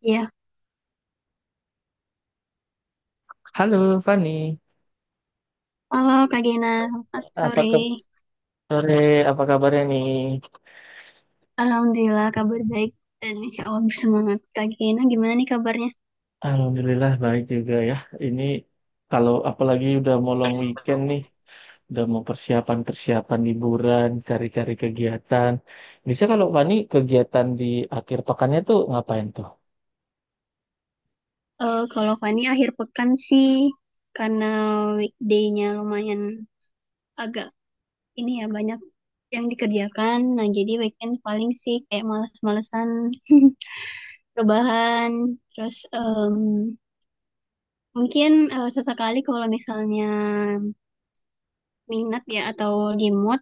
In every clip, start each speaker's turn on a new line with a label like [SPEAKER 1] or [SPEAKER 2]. [SPEAKER 1] Iya,
[SPEAKER 2] Halo Fani,
[SPEAKER 1] halo Kak Gina, selamat
[SPEAKER 2] apa
[SPEAKER 1] sore.
[SPEAKER 2] kabar sore? Apa kabarnya nih?
[SPEAKER 1] Alhamdulillah kabar baik dan insya Allah bersemangat. Kak Gina gimana nih kabarnya?
[SPEAKER 2] Alhamdulillah baik juga ya. Ini kalau apalagi udah mau long weekend nih, udah mau persiapan-persiapan liburan, cari-cari kegiatan. Bisa kalau Fani kegiatan di akhir pekannya tuh ngapain tuh?
[SPEAKER 1] Kalau Fani akhir pekan sih, karena weekday-nya lumayan agak ini ya, banyak yang dikerjakan. Nah jadi weekend paling sih kayak males-malesan rebahan. Terus mungkin sesekali kalau misalnya minat ya, atau di mood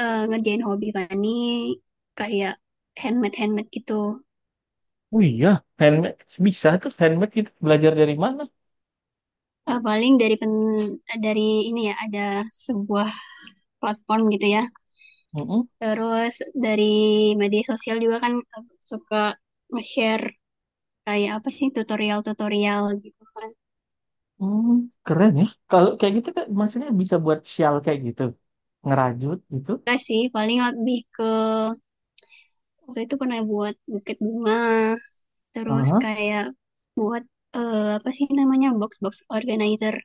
[SPEAKER 1] ngerjain hobi Fani kayak handmade handmade gitu.
[SPEAKER 2] Oh iya, handmade bisa tuh handmade gitu belajar dari mana?
[SPEAKER 1] Paling dari pen, dari ini ya, ada sebuah platform gitu ya.
[SPEAKER 2] Mm-mm.
[SPEAKER 1] Terus dari media sosial juga kan, suka nge-share kayak apa sih, tutorial-tutorial gitu kan.
[SPEAKER 2] Hmm, keren ya. Kalau kayak gitu kan maksudnya bisa buat shawl kayak gitu, ngerajut gitu.
[SPEAKER 1] Enggak sih, paling lebih ke waktu itu pernah buat buket bunga, terus
[SPEAKER 2] Aha.
[SPEAKER 1] kayak buat apa sih namanya, box-box organizer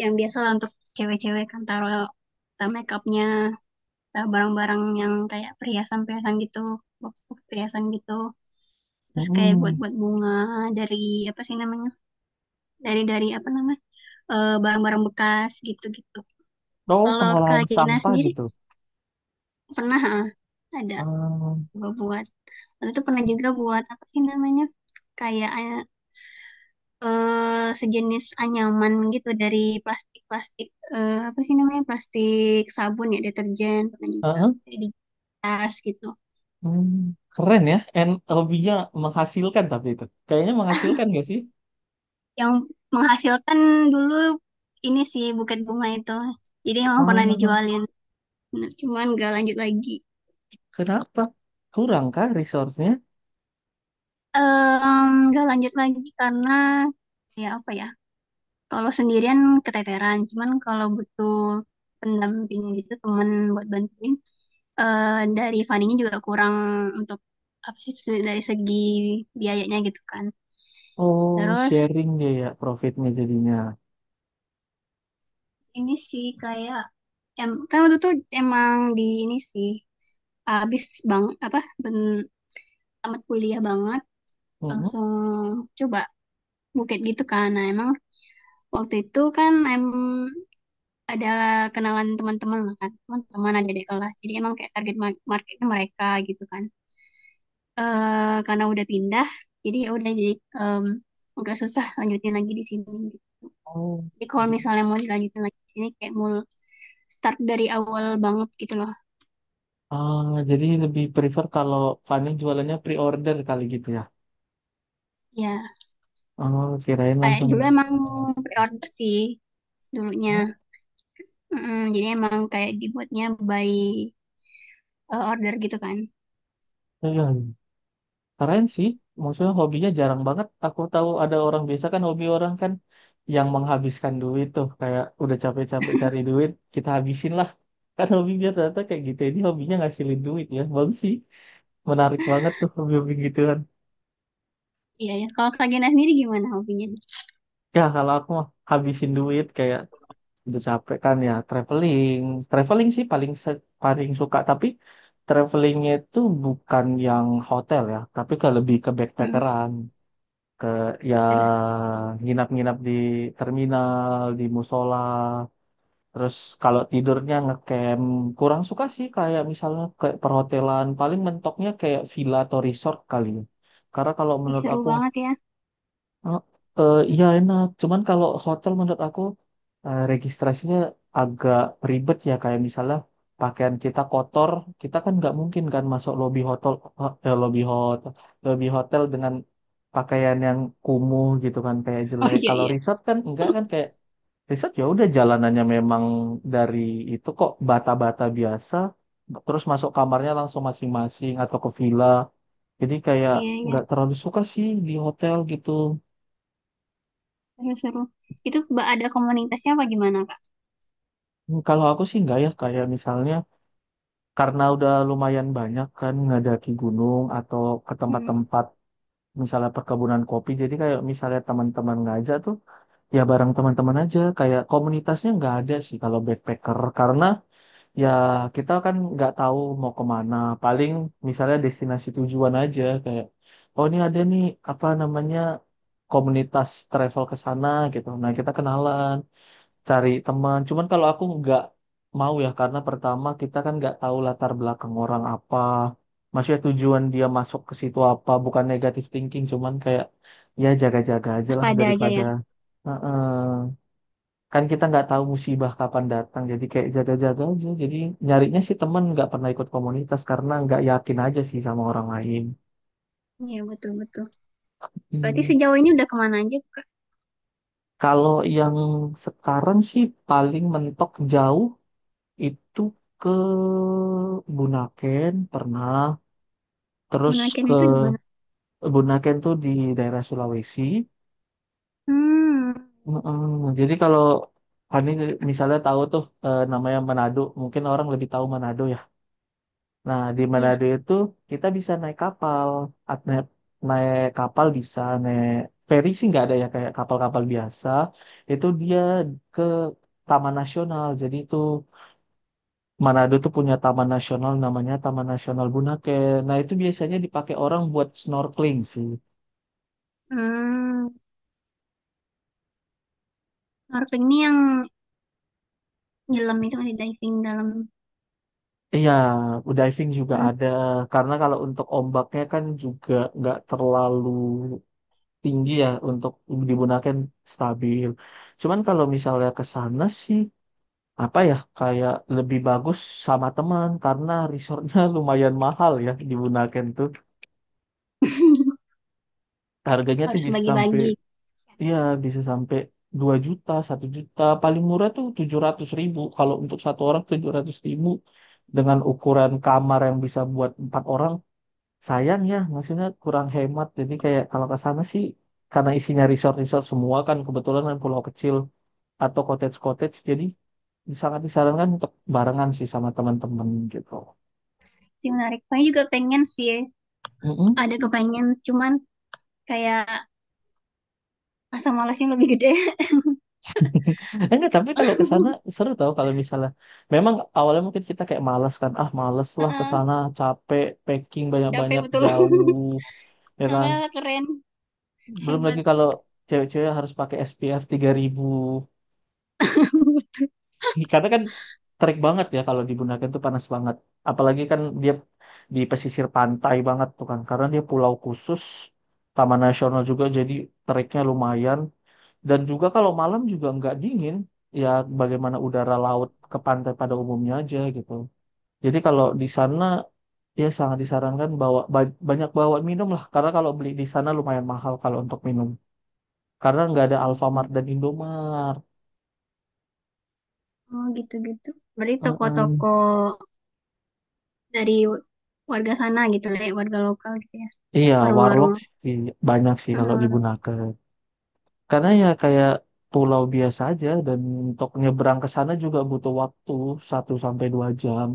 [SPEAKER 1] yang biasa lah untuk cewek-cewek kan, taruh taruh makeupnya, barang-barang yang kayak perhiasan-perhiasan gitu, box-box perhiasan gitu. Terus kayak buat-buat bunga dari apa sih namanya? Dari apa namanya? Barang-barang bekas gitu-gitu.
[SPEAKER 2] Oh,
[SPEAKER 1] Kalau Kak
[SPEAKER 2] pengolahan
[SPEAKER 1] Gina
[SPEAKER 2] sampah
[SPEAKER 1] sendiri
[SPEAKER 2] gitu.
[SPEAKER 1] pernah ah, ada
[SPEAKER 2] Ehm,
[SPEAKER 1] gua buat. Waktu itu pernah juga buat apa sih namanya? Kayak sejenis anyaman gitu dari plastik-plastik, apa sih namanya? Plastik sabun ya, deterjen pernah juga.
[SPEAKER 2] heeh,
[SPEAKER 1] Kayak di tas gitu.
[SPEAKER 2] hmm, keren ya. And hobinya menghasilkan tapi itu. Kayaknya menghasilkan gak sih?
[SPEAKER 1] Yang menghasilkan dulu ini sih, buket bunga itu. Jadi emang pernah
[SPEAKER 2] Ah,
[SPEAKER 1] dijualin. Nah, cuman gak lanjut lagi.
[SPEAKER 2] kenapa? Kurang kah resource-nya?
[SPEAKER 1] Em, gak lanjut lagi karena ya apa ya? Kalau sendirian keteteran. Cuman kalau butuh pendamping gitu, temen buat bantuin. eh, dari fundingnya juga kurang untuk apa sih, se- dari segi biayanya gitu kan.
[SPEAKER 2] Oh,
[SPEAKER 1] Terus
[SPEAKER 2] sharing dia ya profitnya jadinya.
[SPEAKER 1] ini sih kayak kan waktu itu emang di ini sih habis bang apa ben, tamat kuliah banget
[SPEAKER 2] Mm-mm.
[SPEAKER 1] langsung coba bukit gitu kan. Nah emang waktu itu kan ada kenalan teman-teman lah kan, teman-teman ada di kelas, jadi emang kayak target ma- marketnya mereka gitu kan. Eh karena udah pindah, jadi ya udah jadi em, nggak susah lanjutin lagi di sini.
[SPEAKER 2] Oh,
[SPEAKER 1] Jadi kalau misalnya
[SPEAKER 2] jadi-
[SPEAKER 1] mau dilanjutin lagi di sini kayak mul start dari awal banget gitu loh.
[SPEAKER 2] ah, jadi lebih prefer kalau Fani jualannya pre-order kali gitu ya.
[SPEAKER 1] Ya
[SPEAKER 2] Oh, kirain
[SPEAKER 1] kayak
[SPEAKER 2] langsung.
[SPEAKER 1] dulu
[SPEAKER 2] Di-
[SPEAKER 1] emang pre-order sih dulunya.
[SPEAKER 2] Oh,
[SPEAKER 1] Jadi emang kayak dibuatnya by order gitu kan.
[SPEAKER 2] iya. Keren sih, maksudnya hobinya jarang banget. Aku tahu ada orang biasa kan hobi orang kan yang menghabiskan duit tuh kayak udah capek-capek cari duit kita habisin lah. Kan hobi dia ternyata kayak gitu. Ya. Ini hobinya ngasilin duit ya, bagus sih. Menarik banget tuh hobi-hobi gituan.
[SPEAKER 1] Iya ya. Kalau Kak Gena sendiri gimana hobinya?
[SPEAKER 2] Ya kalau aku mah habisin duit kayak udah capek kan ya traveling. Traveling sih paling paling suka tapi travelingnya itu bukan yang hotel ya, tapi ke lebih ke
[SPEAKER 1] Mm,
[SPEAKER 2] backpackeran. Ke ya
[SPEAKER 1] seru,
[SPEAKER 2] nginap-nginap di terminal, di musola. Terus kalau tidurnya ngecamp, kurang suka sih kayak misalnya ke perhotelan, paling mentoknya kayak villa atau resort kali ya. Karena kalau
[SPEAKER 1] ih,
[SPEAKER 2] menurut
[SPEAKER 1] seru
[SPEAKER 2] aku
[SPEAKER 1] banget ya.
[SPEAKER 2] oh, iya enak. Cuman kalau hotel menurut aku registrasinya agak ribet ya. Kayak misalnya pakaian kita kotor, kita kan nggak mungkin kan masuk lobby hotel, lobby hotel, lobby hotel dengan pakaian yang kumuh gitu kan, kayak
[SPEAKER 1] Oh
[SPEAKER 2] jelek.
[SPEAKER 1] iya
[SPEAKER 2] Kalau
[SPEAKER 1] iya.
[SPEAKER 2] resort kan enggak kan kayak resort ya udah jalanannya memang dari itu kok bata-bata biasa. Terus masuk kamarnya langsung masing-masing atau ke villa. Jadi kayak
[SPEAKER 1] Iya iya.
[SPEAKER 2] nggak terlalu suka sih di hotel gitu.
[SPEAKER 1] Seru seru. Itu ba- ada komunitasnya apa gimana Kak?
[SPEAKER 2] Hmm, kalau aku sih enggak ya, kayak misalnya karena udah lumayan banyak kan ngadaki gunung atau ke
[SPEAKER 1] Mm,
[SPEAKER 2] tempat-tempat misalnya perkebunan kopi. Jadi kayak misalnya teman-teman ngajak tuh ya bareng teman-teman aja. Kayak komunitasnya nggak ada sih kalau backpacker karena ya kita kan nggak tahu mau kemana. Paling misalnya destinasi tujuan aja kayak oh ini ada nih apa namanya komunitas travel ke sana gitu. Nah kita kenalan cari teman. Cuman kalau aku nggak mau ya karena pertama kita kan nggak tahu latar belakang orang apa. Maksudnya tujuan dia masuk ke situ apa, bukan negatif thinking, cuman kayak ya jaga-jaga aja lah
[SPEAKER 1] waspada aja
[SPEAKER 2] daripada
[SPEAKER 1] ya.
[SPEAKER 2] heeh. Kan kita nggak tahu musibah kapan datang, jadi kayak jaga-jaga aja. Jadi nyarinya sih teman nggak pernah ikut komunitas karena nggak yakin aja sih sama orang lain.
[SPEAKER 1] Iya betul betul. Berarti
[SPEAKER 2] Hmm.
[SPEAKER 1] sejauh ini udah kemana aja tuh, Kak?
[SPEAKER 2] Kalau yang sekarang sih paling mentok jauh itu ke Bunaken pernah terus
[SPEAKER 1] Bunaken
[SPEAKER 2] ke
[SPEAKER 1] itu di mana?
[SPEAKER 2] Bunaken tuh di daerah Sulawesi.
[SPEAKER 1] Hmm.
[SPEAKER 2] Mm-mm. Jadi kalau Fani misalnya tahu tuh namanya Manado mungkin orang lebih tahu Manado ya, nah di
[SPEAKER 1] Iya.
[SPEAKER 2] Manado itu kita bisa naik kapal. At- naik, naik kapal bisa naik feri sih nggak ada ya kayak kapal-kapal biasa itu dia ke Taman Nasional, jadi itu Manado tuh punya taman nasional namanya Taman Nasional Bunake. Nah, itu biasanya dipakai orang buat snorkeling sih.
[SPEAKER 1] Hmm. Snorkeling ini yang nyelam itu kan di diving dalam.
[SPEAKER 2] Iya, diving juga
[SPEAKER 1] Mm.
[SPEAKER 2] ada. Karena kalau untuk ombaknya kan juga nggak terlalu tinggi ya untuk di Bunake kan stabil. Cuman kalau misalnya ke sana sih apa ya kayak lebih bagus sama teman karena resortnya lumayan mahal ya di Bunaken tuh harganya tuh
[SPEAKER 1] Harus
[SPEAKER 2] bisa sampai
[SPEAKER 1] bagi-bagi.
[SPEAKER 2] iya, bisa sampai 2 juta, 1 juta. Paling murah tuh 700 ribu. Kalau untuk satu orang 700 ribu dengan ukuran kamar yang bisa buat 4 orang, sayang ya, maksudnya kurang hemat. Jadi kayak kalau ke sana sih, karena isinya resort-resort semua kan, kebetulan kan pulau kecil atau cottage-cottage, jadi sangat disarankan untuk barengan sih sama teman-teman gitu.
[SPEAKER 1] Sih menarik. Saya juga pengen sih. Ada kepengen, cuman kayak asam malasnya lebih gede.
[SPEAKER 2] Enggak, tapi kalau ke sana seru tau kalau misalnya memang awalnya mungkin kita kayak malas kan. Ah, malas lah ke
[SPEAKER 1] Heeh,
[SPEAKER 2] sana, capek, packing
[SPEAKER 1] capek
[SPEAKER 2] banyak-banyak
[SPEAKER 1] betul.
[SPEAKER 2] jauh, ya kan.
[SPEAKER 1] Namanya keren,
[SPEAKER 2] Belum lagi
[SPEAKER 1] hebat.
[SPEAKER 2] kalau cewek-cewek harus pakai SPF ribu. Karena kan terik banget ya kalau di Bunaken tuh panas banget. Apalagi kan dia di pesisir pantai banget tuh kan. Karena dia pulau khusus, taman nasional juga jadi teriknya lumayan. Dan juga kalau malam juga nggak dingin, ya bagaimana udara laut ke pantai pada umumnya aja gitu. Jadi kalau di sana ya sangat disarankan bawa banyak bawa minum lah, karena kalau beli di sana lumayan mahal kalau untuk minum, karena nggak ada Alfamart dan Indomart.
[SPEAKER 1] Oh gitu-gitu. Berarti toko-toko
[SPEAKER 2] Mm-mm.
[SPEAKER 1] dari warga sana gitu lah ya, warga lokal gitu ya.
[SPEAKER 2] Iya, Warlock
[SPEAKER 1] Warung-warung.
[SPEAKER 2] sih banyak sih
[SPEAKER 1] Hmm,
[SPEAKER 2] kalau di
[SPEAKER 1] warung.
[SPEAKER 2] Bunaken. Karena ya kayak pulau biasa aja dan untuk nyebrang ke sana juga butuh waktu 1 sampai 2 jam.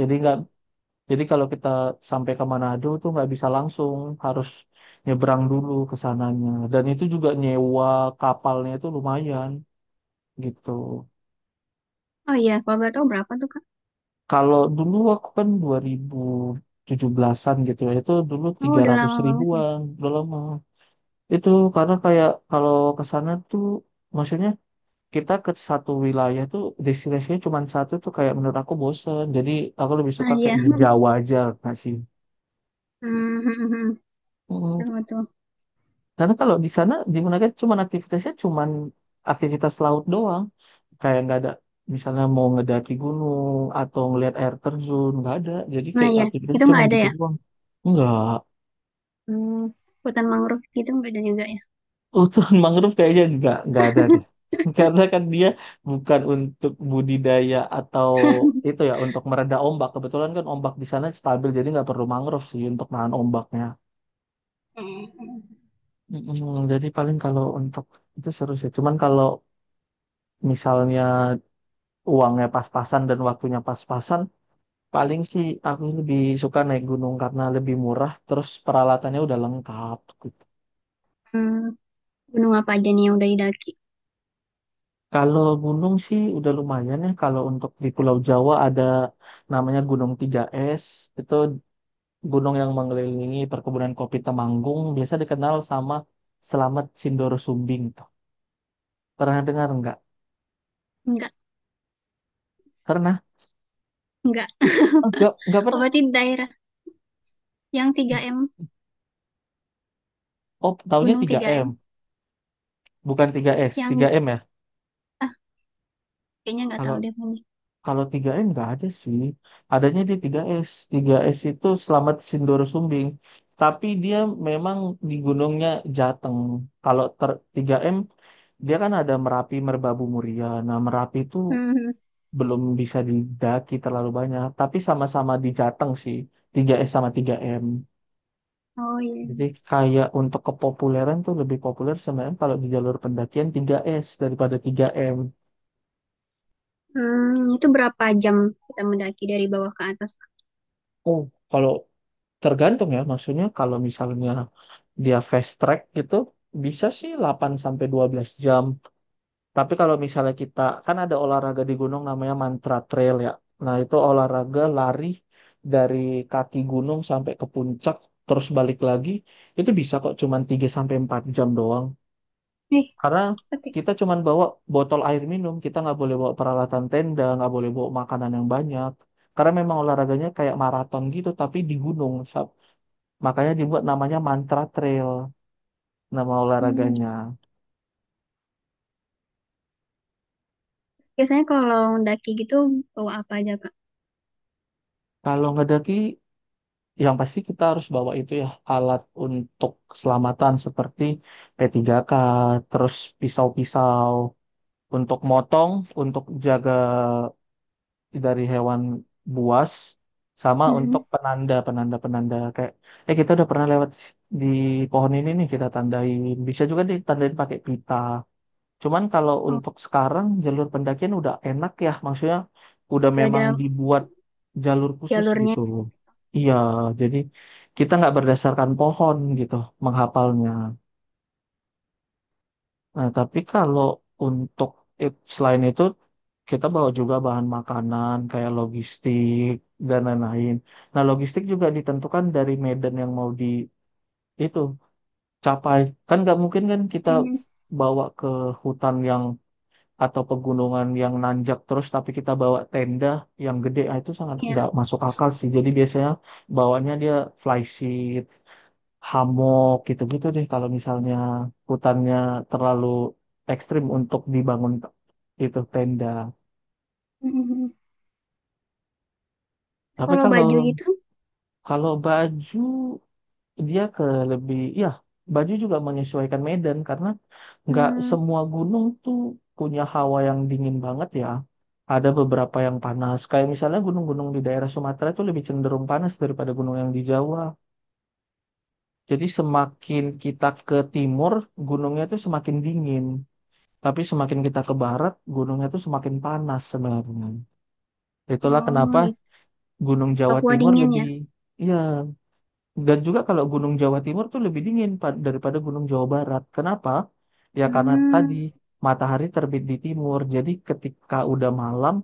[SPEAKER 2] Jadi nggak jadi kalau kita sampai ke Manado tuh nggak bisa langsung, harus nyebrang dulu ke sananya. Dan itu juga nyewa kapalnya itu lumayan gitu.
[SPEAKER 1] Oh iya, kalau boleh tahu berapa tuh Kak?
[SPEAKER 2] Kalau dulu aku kan 2017-an gitu ya, itu dulu
[SPEAKER 1] Oh
[SPEAKER 2] tiga
[SPEAKER 1] udah
[SPEAKER 2] ratus
[SPEAKER 1] lama banget ya.
[SPEAKER 2] ribuan, udah lama. Itu karena kayak kalau ke sana tuh, maksudnya kita ke satu wilayah tuh destinasinya cuma satu tuh kayak menurut aku bosen. Jadi aku lebih
[SPEAKER 1] Nah
[SPEAKER 2] suka
[SPEAKER 1] iya.
[SPEAKER 2] kayak di Jawa aja nggak sih?
[SPEAKER 1] Hmm, hmm, hmm, hmm. Betul, betul.
[SPEAKER 2] Karena kalau di sana di Menakes cuman aktivitasnya cuman aktivitas laut doang. Kayak nggak ada misalnya mau ngedaki gunung atau ngelihat air terjun nggak ada. Jadi
[SPEAKER 1] Nah
[SPEAKER 2] kayak
[SPEAKER 1] iya,
[SPEAKER 2] aktivitasnya
[SPEAKER 1] itu
[SPEAKER 2] cuman
[SPEAKER 1] nggak ada
[SPEAKER 2] gitu
[SPEAKER 1] ya?
[SPEAKER 2] doang. Enggak.
[SPEAKER 1] Hmm, hutan mangrove gitu nggak ada juga ya?
[SPEAKER 2] Hutan mangrove kayaknya nggak ada deh. Karena kan dia bukan untuk budidaya atau itu ya untuk mereda ombak. Kebetulan kan ombak di sana stabil jadi nggak perlu mangrove sih untuk nahan ombaknya. Mm, jadi paling kalau untuk itu seru sih. Cuman kalau misalnya uangnya pas-pasan dan waktunya pas-pasan, paling sih aku lebih suka naik gunung karena lebih murah, terus peralatannya udah lengkap. Gitu.
[SPEAKER 1] Hmm, gunung apa aja nih yang udah didaki?
[SPEAKER 2] Kalau gunung sih udah lumayan ya. Kalau untuk di Pulau Jawa ada namanya Gunung Tiga s, itu gunung yang mengelilingi perkebunan kopi Temanggung, biasa dikenal sama Selamat Sindoro Sumbing. Tuh. Pernah dengar nggak?
[SPEAKER 1] Nggak.
[SPEAKER 2] Pernah?
[SPEAKER 1] Enggak.
[SPEAKER 2] Enggak, nggak
[SPEAKER 1] Oh,
[SPEAKER 2] pernah.
[SPEAKER 1] berarti daerah yang tiga m.
[SPEAKER 2] Oh, taunya
[SPEAKER 1] Gunung
[SPEAKER 2] tiga
[SPEAKER 1] tiga m.
[SPEAKER 2] m bukan tiga s tiga
[SPEAKER 1] Yang,
[SPEAKER 2] m ya.
[SPEAKER 1] ah, kayaknya nggak
[SPEAKER 2] Kalau
[SPEAKER 1] tahu deh ini.
[SPEAKER 2] Kalau tiga m nggak ada sih. Adanya di tiga s, tiga s itu Selamat Sindoro Sumbing. Tapi dia memang di gunungnya Jateng. Kalau ter 3M, dia kan ada Merapi, Merbabu, Muria. Nah, Merapi itu
[SPEAKER 1] Mhm.
[SPEAKER 2] belum bisa didaki terlalu banyak. Tapi sama-sama di Jateng sih. Tiga s sama tiga m.
[SPEAKER 1] Oh iya.
[SPEAKER 2] Jadi kayak untuk kepopuleran tuh lebih populer sebenarnya kalau di jalur pendakian tiga s daripada tiga m.
[SPEAKER 1] Hmm, itu berapa jam kita mendaki dari bawah ke atas?
[SPEAKER 2] Oh, kalau tergantung ya. Maksudnya kalau misalnya dia fast track gitu bisa sih 8 sampai 12 jam. Tapi kalau misalnya kita kan ada olahraga di gunung namanya mantra trail ya. Nah, itu olahraga lari dari kaki gunung sampai ke puncak terus balik lagi itu bisa kok cuman 3 sampai 4 jam doang.
[SPEAKER 1] Nih,
[SPEAKER 2] Karena
[SPEAKER 1] oke.
[SPEAKER 2] kita cuman bawa botol air minum, kita nggak boleh bawa peralatan tenda, nggak boleh bawa makanan yang banyak. Karena memang olahraganya kayak maraton gitu tapi di gunung. Sab. Makanya dibuat namanya mantra trail, nama
[SPEAKER 1] Hmm,
[SPEAKER 2] olahraganya.
[SPEAKER 1] biasanya kalau mendaki gitu bawa apa aja, Kak?
[SPEAKER 2] Kalau ngedaki, yang pasti kita harus bawa itu ya alat untuk keselamatan seperti P3K, terus pisau-pisau untuk motong, untuk jaga dari hewan buas, sama untuk
[SPEAKER 1] Mhm.
[SPEAKER 2] penanda, penanda-penanda kayak, eh kita udah pernah lewat di pohon ini nih kita tandain. Bisa juga ditandain pakai pita. Cuman kalau
[SPEAKER 1] Oh,
[SPEAKER 2] untuk sekarang jalur pendakian udah enak ya, maksudnya udah
[SPEAKER 1] nggak
[SPEAKER 2] memang
[SPEAKER 1] ada
[SPEAKER 2] dibuat jalur khusus
[SPEAKER 1] jalurnya.
[SPEAKER 2] gitu. Iya, jadi kita nggak berdasarkan pohon gitu menghafalnya. Nah, tapi kalau untuk selain itu kita bawa juga bahan makanan kayak logistik dan lain-lain. Nah, logistik juga ditentukan dari medan yang mau di itu capai. Kan nggak mungkin kan kita
[SPEAKER 1] Hmm,
[SPEAKER 2] bawa ke hutan yang atau pegunungan yang nanjak terus tapi kita bawa tenda yang gede ah, itu sangat
[SPEAKER 1] ya.
[SPEAKER 2] nggak masuk akal sih jadi biasanya bawanya dia flysheet hammock gitu-gitu deh kalau misalnya hutannya terlalu ekstrim untuk dibangun itu tenda.
[SPEAKER 1] Mhm. Terus
[SPEAKER 2] Tapi
[SPEAKER 1] kalau
[SPEAKER 2] kalau
[SPEAKER 1] baju gitu,
[SPEAKER 2] kalau baju dia ke lebih ya baju juga menyesuaikan medan karena nggak
[SPEAKER 1] hmm,
[SPEAKER 2] semua gunung tuh punya hawa yang dingin banget ya, ada beberapa yang panas kayak misalnya gunung-gunung di daerah Sumatera itu lebih cenderung panas daripada gunung yang di Jawa, jadi semakin kita ke timur gunungnya tuh semakin dingin tapi semakin kita ke barat gunungnya tuh semakin panas sebenarnya, itulah
[SPEAKER 1] oh
[SPEAKER 2] kenapa
[SPEAKER 1] gitu.
[SPEAKER 2] Gunung Jawa
[SPEAKER 1] Papua
[SPEAKER 2] Timur
[SPEAKER 1] dingin ya.
[SPEAKER 2] lebih ya. Dan juga kalau Gunung Jawa Timur tuh lebih dingin daripada Gunung Jawa Barat. Kenapa? Ya karena tadi
[SPEAKER 1] Hmm,
[SPEAKER 2] matahari terbit di timur, jadi ketika udah malam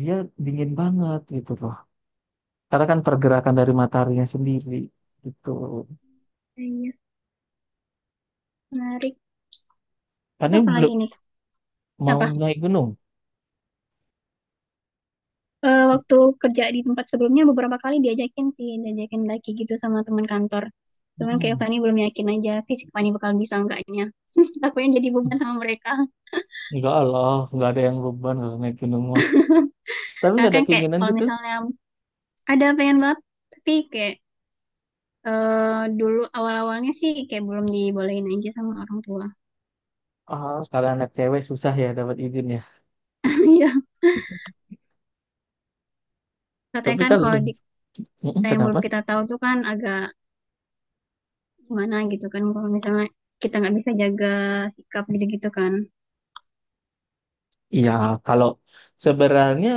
[SPEAKER 2] dia dingin banget gitu loh. Karena kan pergerakan dari mataharinya sendiri gitu.
[SPEAKER 1] iya, menarik.
[SPEAKER 2] Kan ini
[SPEAKER 1] Apa lagi
[SPEAKER 2] belum
[SPEAKER 1] nih?
[SPEAKER 2] mau
[SPEAKER 1] Apa?
[SPEAKER 2] naik gunung.
[SPEAKER 1] Waktu kerja di tempat sebelumnya beberapa kali diajakin sih, diajakin lagi gitu sama teman kantor. Cuman kayak
[SPEAKER 2] Mm-mm.
[SPEAKER 1] Fani belum yakin aja fisik Fani bakal bisa enggaknya. Takutnya jadi beban sama mereka.
[SPEAKER 2] Enggak lah, nggak ada yang beban kalau naik gunung mah. Tapi
[SPEAKER 1] Nah
[SPEAKER 2] nggak
[SPEAKER 1] kan
[SPEAKER 2] ada
[SPEAKER 1] kayak
[SPEAKER 2] keinginan
[SPEAKER 1] kalau
[SPEAKER 2] gitu.
[SPEAKER 1] misalnya ada pengen banget, tapi kayak dulu awal-awalnya sih kayak belum dibolehin aja sama orang tua.
[SPEAKER 2] Ah, sekarang anak cewek susah ya dapat izin ya.
[SPEAKER 1] Iya, katanya
[SPEAKER 2] Tapi
[SPEAKER 1] kan
[SPEAKER 2] kalau
[SPEAKER 1] kalau di
[SPEAKER 2] mm-mm,
[SPEAKER 1] yang
[SPEAKER 2] kenapa?
[SPEAKER 1] belum kita tahu tuh kan agak gimana gitu kan, kalau misalnya kita nggak bisa jaga sikap gitu-gitu kan.
[SPEAKER 2] Iya, kalau sebenarnya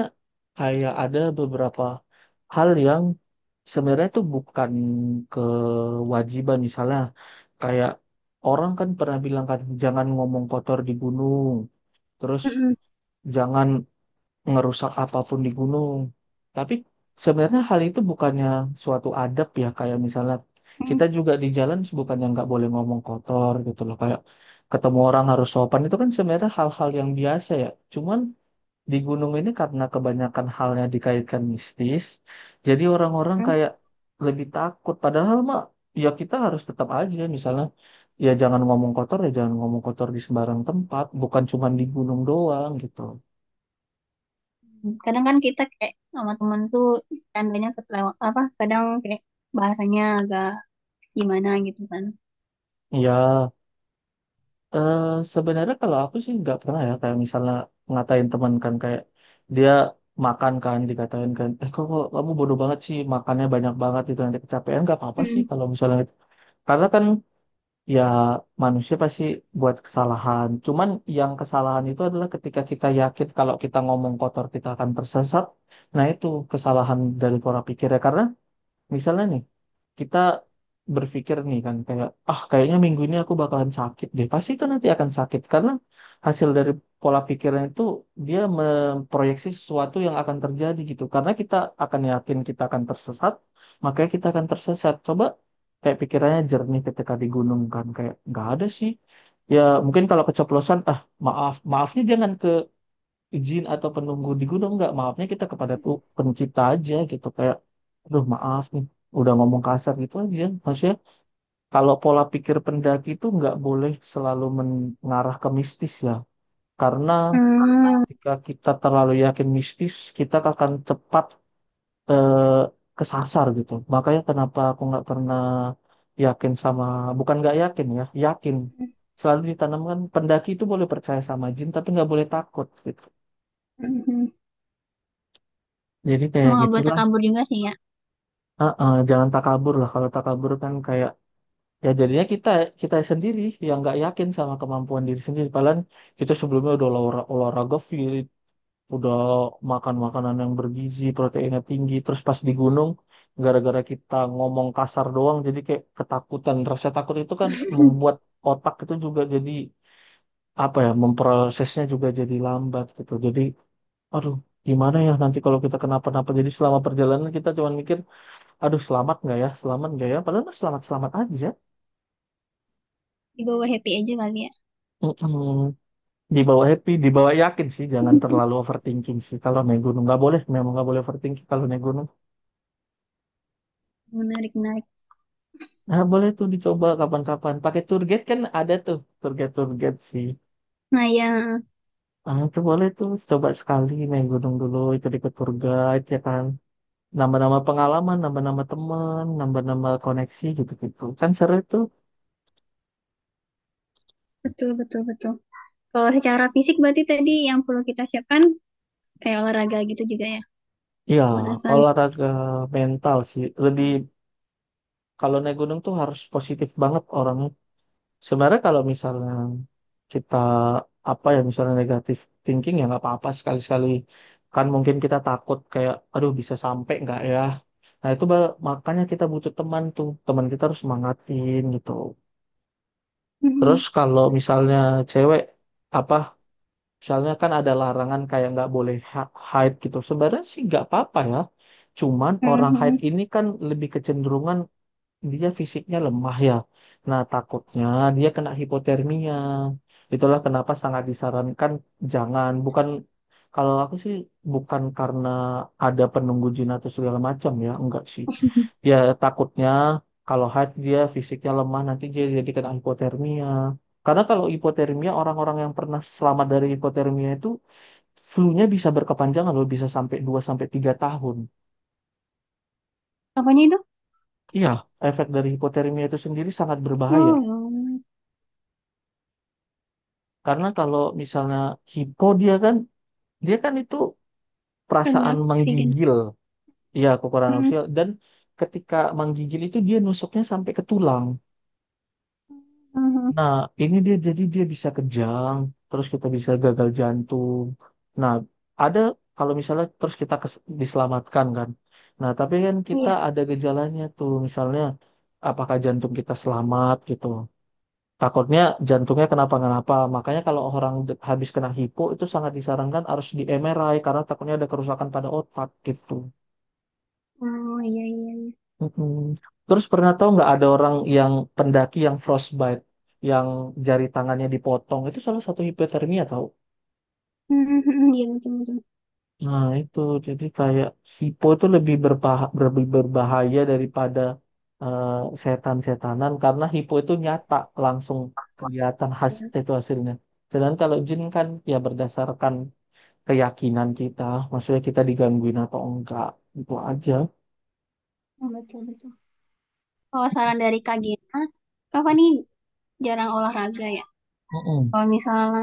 [SPEAKER 2] kayak ada beberapa hal yang sebenarnya itu bukan kewajiban misalnya kayak orang kan pernah bilang kan jangan ngomong kotor di gunung, terus
[SPEAKER 1] Mm-mm.
[SPEAKER 2] jangan ngerusak apapun di gunung. Tapi sebenarnya hal itu bukannya suatu adab ya kayak misalnya kita
[SPEAKER 1] Mm-mm.
[SPEAKER 2] juga di jalan bukannya nggak boleh ngomong kotor gitu loh kayak ketemu orang harus sopan itu kan sebenarnya hal-hal yang biasa ya. Cuman di gunung ini karena kebanyakan halnya dikaitkan mistis, jadi orang-orang kayak lebih takut. Padahal mah, ya kita harus tetap aja misalnya, ya jangan ngomong kotor, ya jangan ngomong kotor di sembarang tempat, bukan cuma di gunung doang gitu.
[SPEAKER 1] Kadang kan kita kayak sama temen tuh, tandanya ketelewat apa, kadang kayak bahasanya agak gimana gitu kan.
[SPEAKER 2] Ya, eh, sebenarnya kalau aku sih nggak pernah, ya kayak misalnya ngatain teman kan, kayak dia makan kan dikatain kan, kok kamu bodoh banget sih, makannya banyak banget, itu nanti kecapean. Nggak apa-apa sih
[SPEAKER 1] Mm.
[SPEAKER 2] kalau misalnya, karena kan, ya, manusia pasti buat kesalahan. Cuman yang kesalahan itu adalah ketika kita yakin kalau kita ngomong kotor kita akan tersesat. Nah, itu kesalahan dari pola pikirnya. Karena misalnya nih, kita berpikir nih kan kayak, ah kayaknya minggu ini aku bakalan sakit deh. Pasti itu nanti akan sakit, karena hasil dari pola pikirnya itu, dia memproyeksi sesuatu yang akan terjadi gitu. Karena kita akan yakin kita akan tersesat, makanya kita akan tersesat. Coba kayak pikirannya jernih ketika di gunung kan, kayak nggak ada sih. Ya mungkin kalau keceplosan, ah maaf, maafnya jangan ke izin atau penunggu di gunung, nggak, maafnya kita kepada tuh pencipta aja, gitu kayak aduh maaf nih udah ngomong kasar, gitu aja maksudnya. Kalau pola pikir pendaki itu nggak boleh selalu mengarah ke mistis ya, karena
[SPEAKER 1] Hmm.
[SPEAKER 2] ketika kita terlalu yakin mistis, kita akan cepat eh, kesasar gitu. Makanya kenapa aku nggak pernah yakin sama, bukan nggak yakin ya, yakin, selalu ditanamkan pendaki itu boleh percaya sama jin tapi nggak boleh takut gitu,
[SPEAKER 1] Mm-mm.
[SPEAKER 2] jadi kayak
[SPEAKER 1] Emang nggak boleh
[SPEAKER 2] gitulah.
[SPEAKER 1] takabur juga sih ya.
[SPEAKER 2] Heeh, jangan takabur lah. Kalau takabur kan kayak, ya jadinya kita, kita sendiri yang nggak yakin sama kemampuan diri sendiri. Padahal kita sebelumnya udah olahraga fit, udah makan makanan yang bergizi, proteinnya tinggi. Terus pas di gunung, gara-gara kita ngomong kasar doang, jadi kayak ketakutan. Rasa takut itu kan membuat otak itu juga jadi, apa ya, memprosesnya juga jadi lambat gitu. Jadi, aduh, gimana ya nanti kalau kita kenapa-napa. Jadi selama perjalanan kita cuma mikir, aduh selamat nggak ya selamat nggak ya, padahal mah selamat selamat aja.
[SPEAKER 1] Dibawa happy aja kali ya.
[SPEAKER 2] Mm-mm. Dibawa happy dibawa yakin sih, jangan terlalu overthinking sih kalau naik gunung, nggak boleh, memang nggak boleh overthinking kalau naik gunung.
[SPEAKER 1] Menarik menarik.
[SPEAKER 2] Nah boleh tuh dicoba kapan-kapan pakai tour guide, kan ada tuh tour guide, tour guide sih.
[SPEAKER 1] Nah ya,
[SPEAKER 2] Ah itu boleh tuh, coba sekali naik gunung dulu itu ikut tour guide, ya kan, nambah-nambah pengalaman, nambah-nambah teman, nambah-nambah koneksi, gitu-gitu kan seru itu.
[SPEAKER 1] betul betul betul. Kalau secara fisik berarti tadi yang perlu kita siapkan kayak olahraga gitu juga ya,
[SPEAKER 2] Ya
[SPEAKER 1] pemanasan.
[SPEAKER 2] olahraga, mental sih lebih, kalau naik gunung tuh harus positif banget orangnya. Sebenarnya kalau misalnya kita, apa ya, misalnya negatif thinking, ya nggak apa-apa sekali-sekali. Kan mungkin kita takut kayak aduh bisa sampai nggak ya. Nah itu makanya kita butuh teman tuh. Teman kita harus semangatin gitu. Terus
[SPEAKER 1] Mm-mm.
[SPEAKER 2] kalau misalnya cewek, apa, misalnya kan ada larangan kayak nggak boleh hide gitu. Sebenarnya sih nggak apa-apa ya. Cuman orang hide
[SPEAKER 1] Mm.
[SPEAKER 2] ini kan lebih kecenderungan dia fisiknya lemah ya. Nah, takutnya dia kena hipotermia. Itulah kenapa sangat disarankan jangan, bukan, kalau aku sih bukan karena ada penunggu jin atau segala macam ya, enggak sih. Ya takutnya kalau haid dia fisiknya lemah nanti dia jadi kena hipotermia. Karena kalau hipotermia, orang-orang yang pernah selamat dari hipotermia itu flu-nya bisa berkepanjangan loh, bisa sampai 2 sampai 3 tahun.
[SPEAKER 1] Apanya itu?
[SPEAKER 2] Iya, efek dari hipotermia itu sendiri sangat berbahaya.
[SPEAKER 1] Oh ya.
[SPEAKER 2] Karena kalau misalnya hipo, dia kan, dia kan itu perasaan
[SPEAKER 1] Rendah oksigen.
[SPEAKER 2] menggigil, ya kekurangan
[SPEAKER 1] Mm-mm.
[SPEAKER 2] sosial, dan ketika menggigil itu dia nusuknya sampai ke tulang.
[SPEAKER 1] Mhm.
[SPEAKER 2] Nah, ini dia jadi dia bisa kejang, terus kita bisa gagal jantung. Nah, ada, kalau misalnya terus kita diselamatkan kan. Nah, tapi kan kita
[SPEAKER 1] Iya.
[SPEAKER 2] ada gejalanya tuh, misalnya apakah jantung kita selamat gitu. Takutnya jantungnya kenapa-kenapa. Makanya kalau orang habis kena hipo itu sangat disarankan harus di MRI, karena takutnya ada kerusakan pada otak gitu.
[SPEAKER 1] Oh iya iya iya.
[SPEAKER 2] Mm-mm. Terus pernah tahu nggak ada orang yang pendaki yang frostbite, yang jari tangannya dipotong, itu salah satu hipotermia tahu.
[SPEAKER 1] Hmm, hmm, hmm, iya betul betul.
[SPEAKER 2] Nah itu jadi kayak hipo itu lebih lebih berbahaya daripada eh, setan-setanan, karena hipo itu nyata, langsung kelihatan hasil,
[SPEAKER 1] Iya,
[SPEAKER 2] itu hasilnya. Sedangkan kalau jin kan ya berdasarkan keyakinan kita, maksudnya kita digangguin atau enggak, itu aja.
[SPEAKER 1] betul betul. Kalau saran dari Kak Gina, Kak Fani jarang olahraga ya.
[SPEAKER 2] Mm-mm,
[SPEAKER 1] Kalau misalnya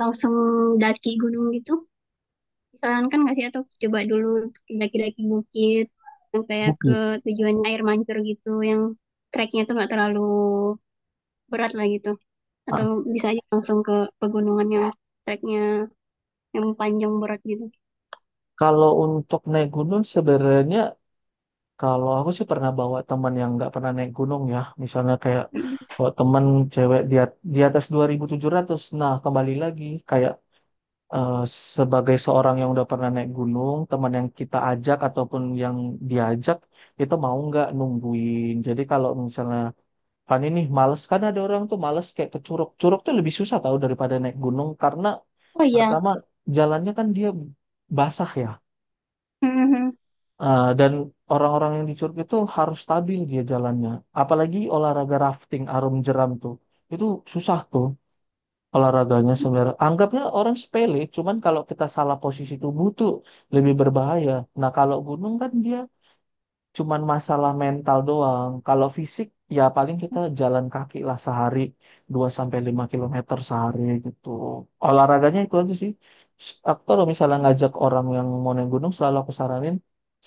[SPEAKER 1] langsung daki gunung gitu, disarankan nggak sih, atau coba dulu daki-daki bukit yang kayak ke
[SPEAKER 2] bukit.
[SPEAKER 1] tujuannya air mancur gitu, yang treknya tuh nggak terlalu berat lah gitu.
[SPEAKER 2] Nah,
[SPEAKER 1] Atau bisa aja langsung ke pegunungan yang treknya yang panjang berat gitu.
[SPEAKER 2] kalau untuk naik gunung sebenarnya, kalau aku sih pernah bawa teman yang nggak pernah naik gunung ya, misalnya kayak kalau teman cewek di atas 2700, nah kembali lagi kayak, eh, sebagai seorang yang udah pernah naik gunung, teman yang kita ajak ataupun yang diajak itu mau nggak nungguin. Jadi kalau misalnya, kan ini males kan, ada orang tuh males kayak ke Curug. Curug tuh lebih susah tahu daripada naik gunung, karena
[SPEAKER 1] Oh iya.
[SPEAKER 2] pertama jalannya kan dia basah ya.
[SPEAKER 1] Hmm, hmm, hmm.
[SPEAKER 2] Eh, dan orang-orang yang di Curug itu harus stabil dia jalannya. Apalagi olahraga rafting arum jeram tuh. Itu susah tuh olahraganya sebenarnya. Anggapnya orang sepele, cuman kalau kita salah posisi tubuh tuh lebih berbahaya. Nah, kalau gunung kan dia cuman masalah mental doang. Kalau fisik ya paling kita jalan kaki lah sehari 2 sampai 5 kilometer sehari gitu. Olahraganya itu aja sih. Aku kalau misalnya ngajak orang yang mau naik gunung selalu aku saranin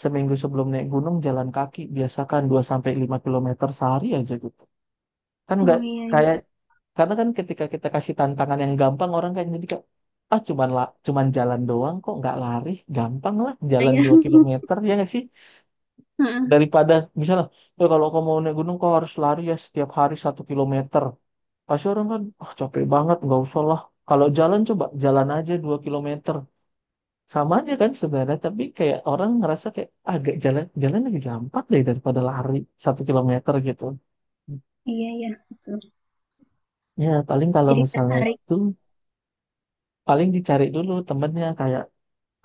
[SPEAKER 2] seminggu sebelum naik gunung jalan kaki, biasakan 2 sampai 5 kilometer sehari aja gitu. Kan nggak
[SPEAKER 1] Oh iya iya.
[SPEAKER 2] kayak, karena kan ketika kita kasih tantangan yang gampang, orang kan jadi kayak, ah cuman cuman jalan doang kok, nggak lari, gampang lah jalan
[SPEAKER 1] Iya.
[SPEAKER 2] 2 kilometer, ya nggak sih? Daripada misalnya ya, kalau kamu mau naik gunung kau harus lari ya setiap hari 1 kilometer, pasti orang kan, ah capek banget nggak usah lah. Kalau jalan, coba jalan aja 2 kilometer, sama aja kan sebenarnya, tapi kayak orang ngerasa kayak agak jalan, jalan lebih gampang deh daripada lari 1 kilometer gitu.
[SPEAKER 1] Iya, iya. Betul.
[SPEAKER 2] Ya paling kalau
[SPEAKER 1] Jadi
[SPEAKER 2] misalnya
[SPEAKER 1] tertarik
[SPEAKER 2] itu, paling dicari dulu temennya kayak,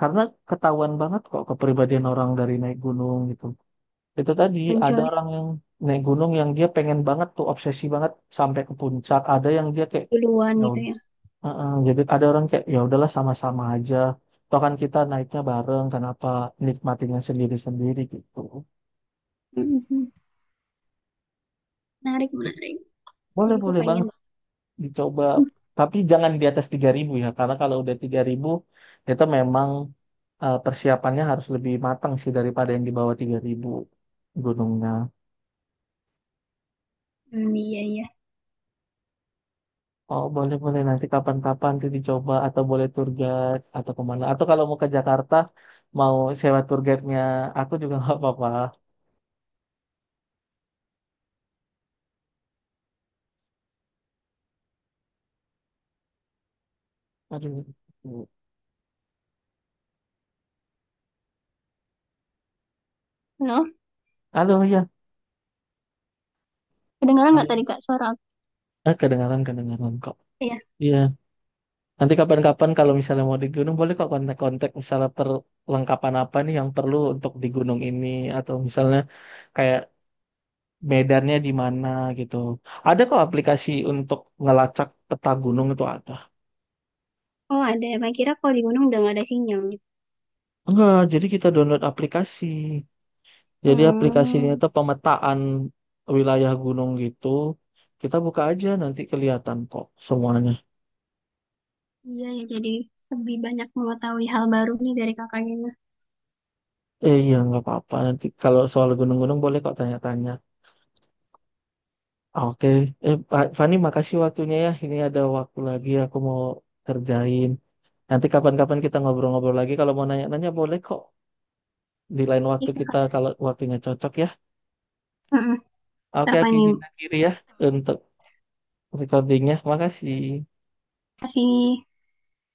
[SPEAKER 2] karena ketahuan banget kok kepribadian orang dari naik gunung gitu. Itu tadi ada
[SPEAKER 1] munculnya
[SPEAKER 2] orang yang naik gunung yang dia pengen banget tuh obsesi banget sampai ke puncak. Ada yang dia kayak
[SPEAKER 1] duluan
[SPEAKER 2] ya
[SPEAKER 1] gitu
[SPEAKER 2] ud-
[SPEAKER 1] ya.
[SPEAKER 2] uh-uh. Jadi ada orang kayak ya udahlah sama-sama aja. Toh kan kita naiknya bareng, kenapa nikmatinya sendiri-sendiri gitu.
[SPEAKER 1] Mhm. Menarik, menarik.
[SPEAKER 2] Boleh
[SPEAKER 1] Jadi aku
[SPEAKER 2] boleh
[SPEAKER 1] pengen
[SPEAKER 2] banget
[SPEAKER 1] banget.
[SPEAKER 2] dicoba. Tapi jangan di atas 3000 ya, karena kalau udah 3000 itu memang, persiapannya harus lebih matang sih daripada yang di bawah 3000 gunungnya.
[SPEAKER 1] Hmm, iya, iya.
[SPEAKER 2] Oh boleh boleh, nanti kapan-kapan tuh dicoba atau boleh tour guide atau kemana, atau kalau mau ke Jakarta mau sewa tour guide-nya aku juga nggak apa-apa. Aduh.
[SPEAKER 1] Halo,
[SPEAKER 2] Halo ya.
[SPEAKER 1] kedengaran nggak
[SPEAKER 2] Halo.
[SPEAKER 1] tadi Kak suara aku?
[SPEAKER 2] Ah kedengaran kedengaran kok.
[SPEAKER 1] Iya.
[SPEAKER 2] Iya. Nanti kapan-kapan kalau misalnya mau di gunung boleh kok kontak-kontak, misalnya perlengkapan apa nih yang perlu untuk di gunung ini, atau misalnya kayak medannya di mana gitu. Ada kok aplikasi untuk ngelacak peta gunung itu ada.
[SPEAKER 1] Oh, ada. Makanya kira kalau di gunung udah nggak ada sinyal gitu.
[SPEAKER 2] Enggak, jadi kita download aplikasi. Jadi aplikasinya
[SPEAKER 1] Hmm,
[SPEAKER 2] itu pemetaan wilayah gunung gitu. Kita buka aja nanti kelihatan kok semuanya.
[SPEAKER 1] iya ya. Jadi lebih banyak mengetahui hal baru nih dari kakaknya.
[SPEAKER 2] Eh iya nggak apa-apa, nanti kalau soal gunung-gunung boleh kok tanya-tanya. Ah, oke, eh Pak Fani makasih waktunya ya. Ini ada waktu lagi aku mau kerjain. Nanti kapan-kapan kita ngobrol-ngobrol lagi. Kalau mau nanya-nanya boleh kok, di lain waktu
[SPEAKER 1] Iya,
[SPEAKER 2] kita,
[SPEAKER 1] kakak.
[SPEAKER 2] kalau waktunya cocok ya.
[SPEAKER 1] Mhm. Ntar
[SPEAKER 2] Oke,
[SPEAKER 1] apa
[SPEAKER 2] aku
[SPEAKER 1] nih?
[SPEAKER 2] izin akhiri ya untuk recordingnya. Makasih.
[SPEAKER 1] Kasih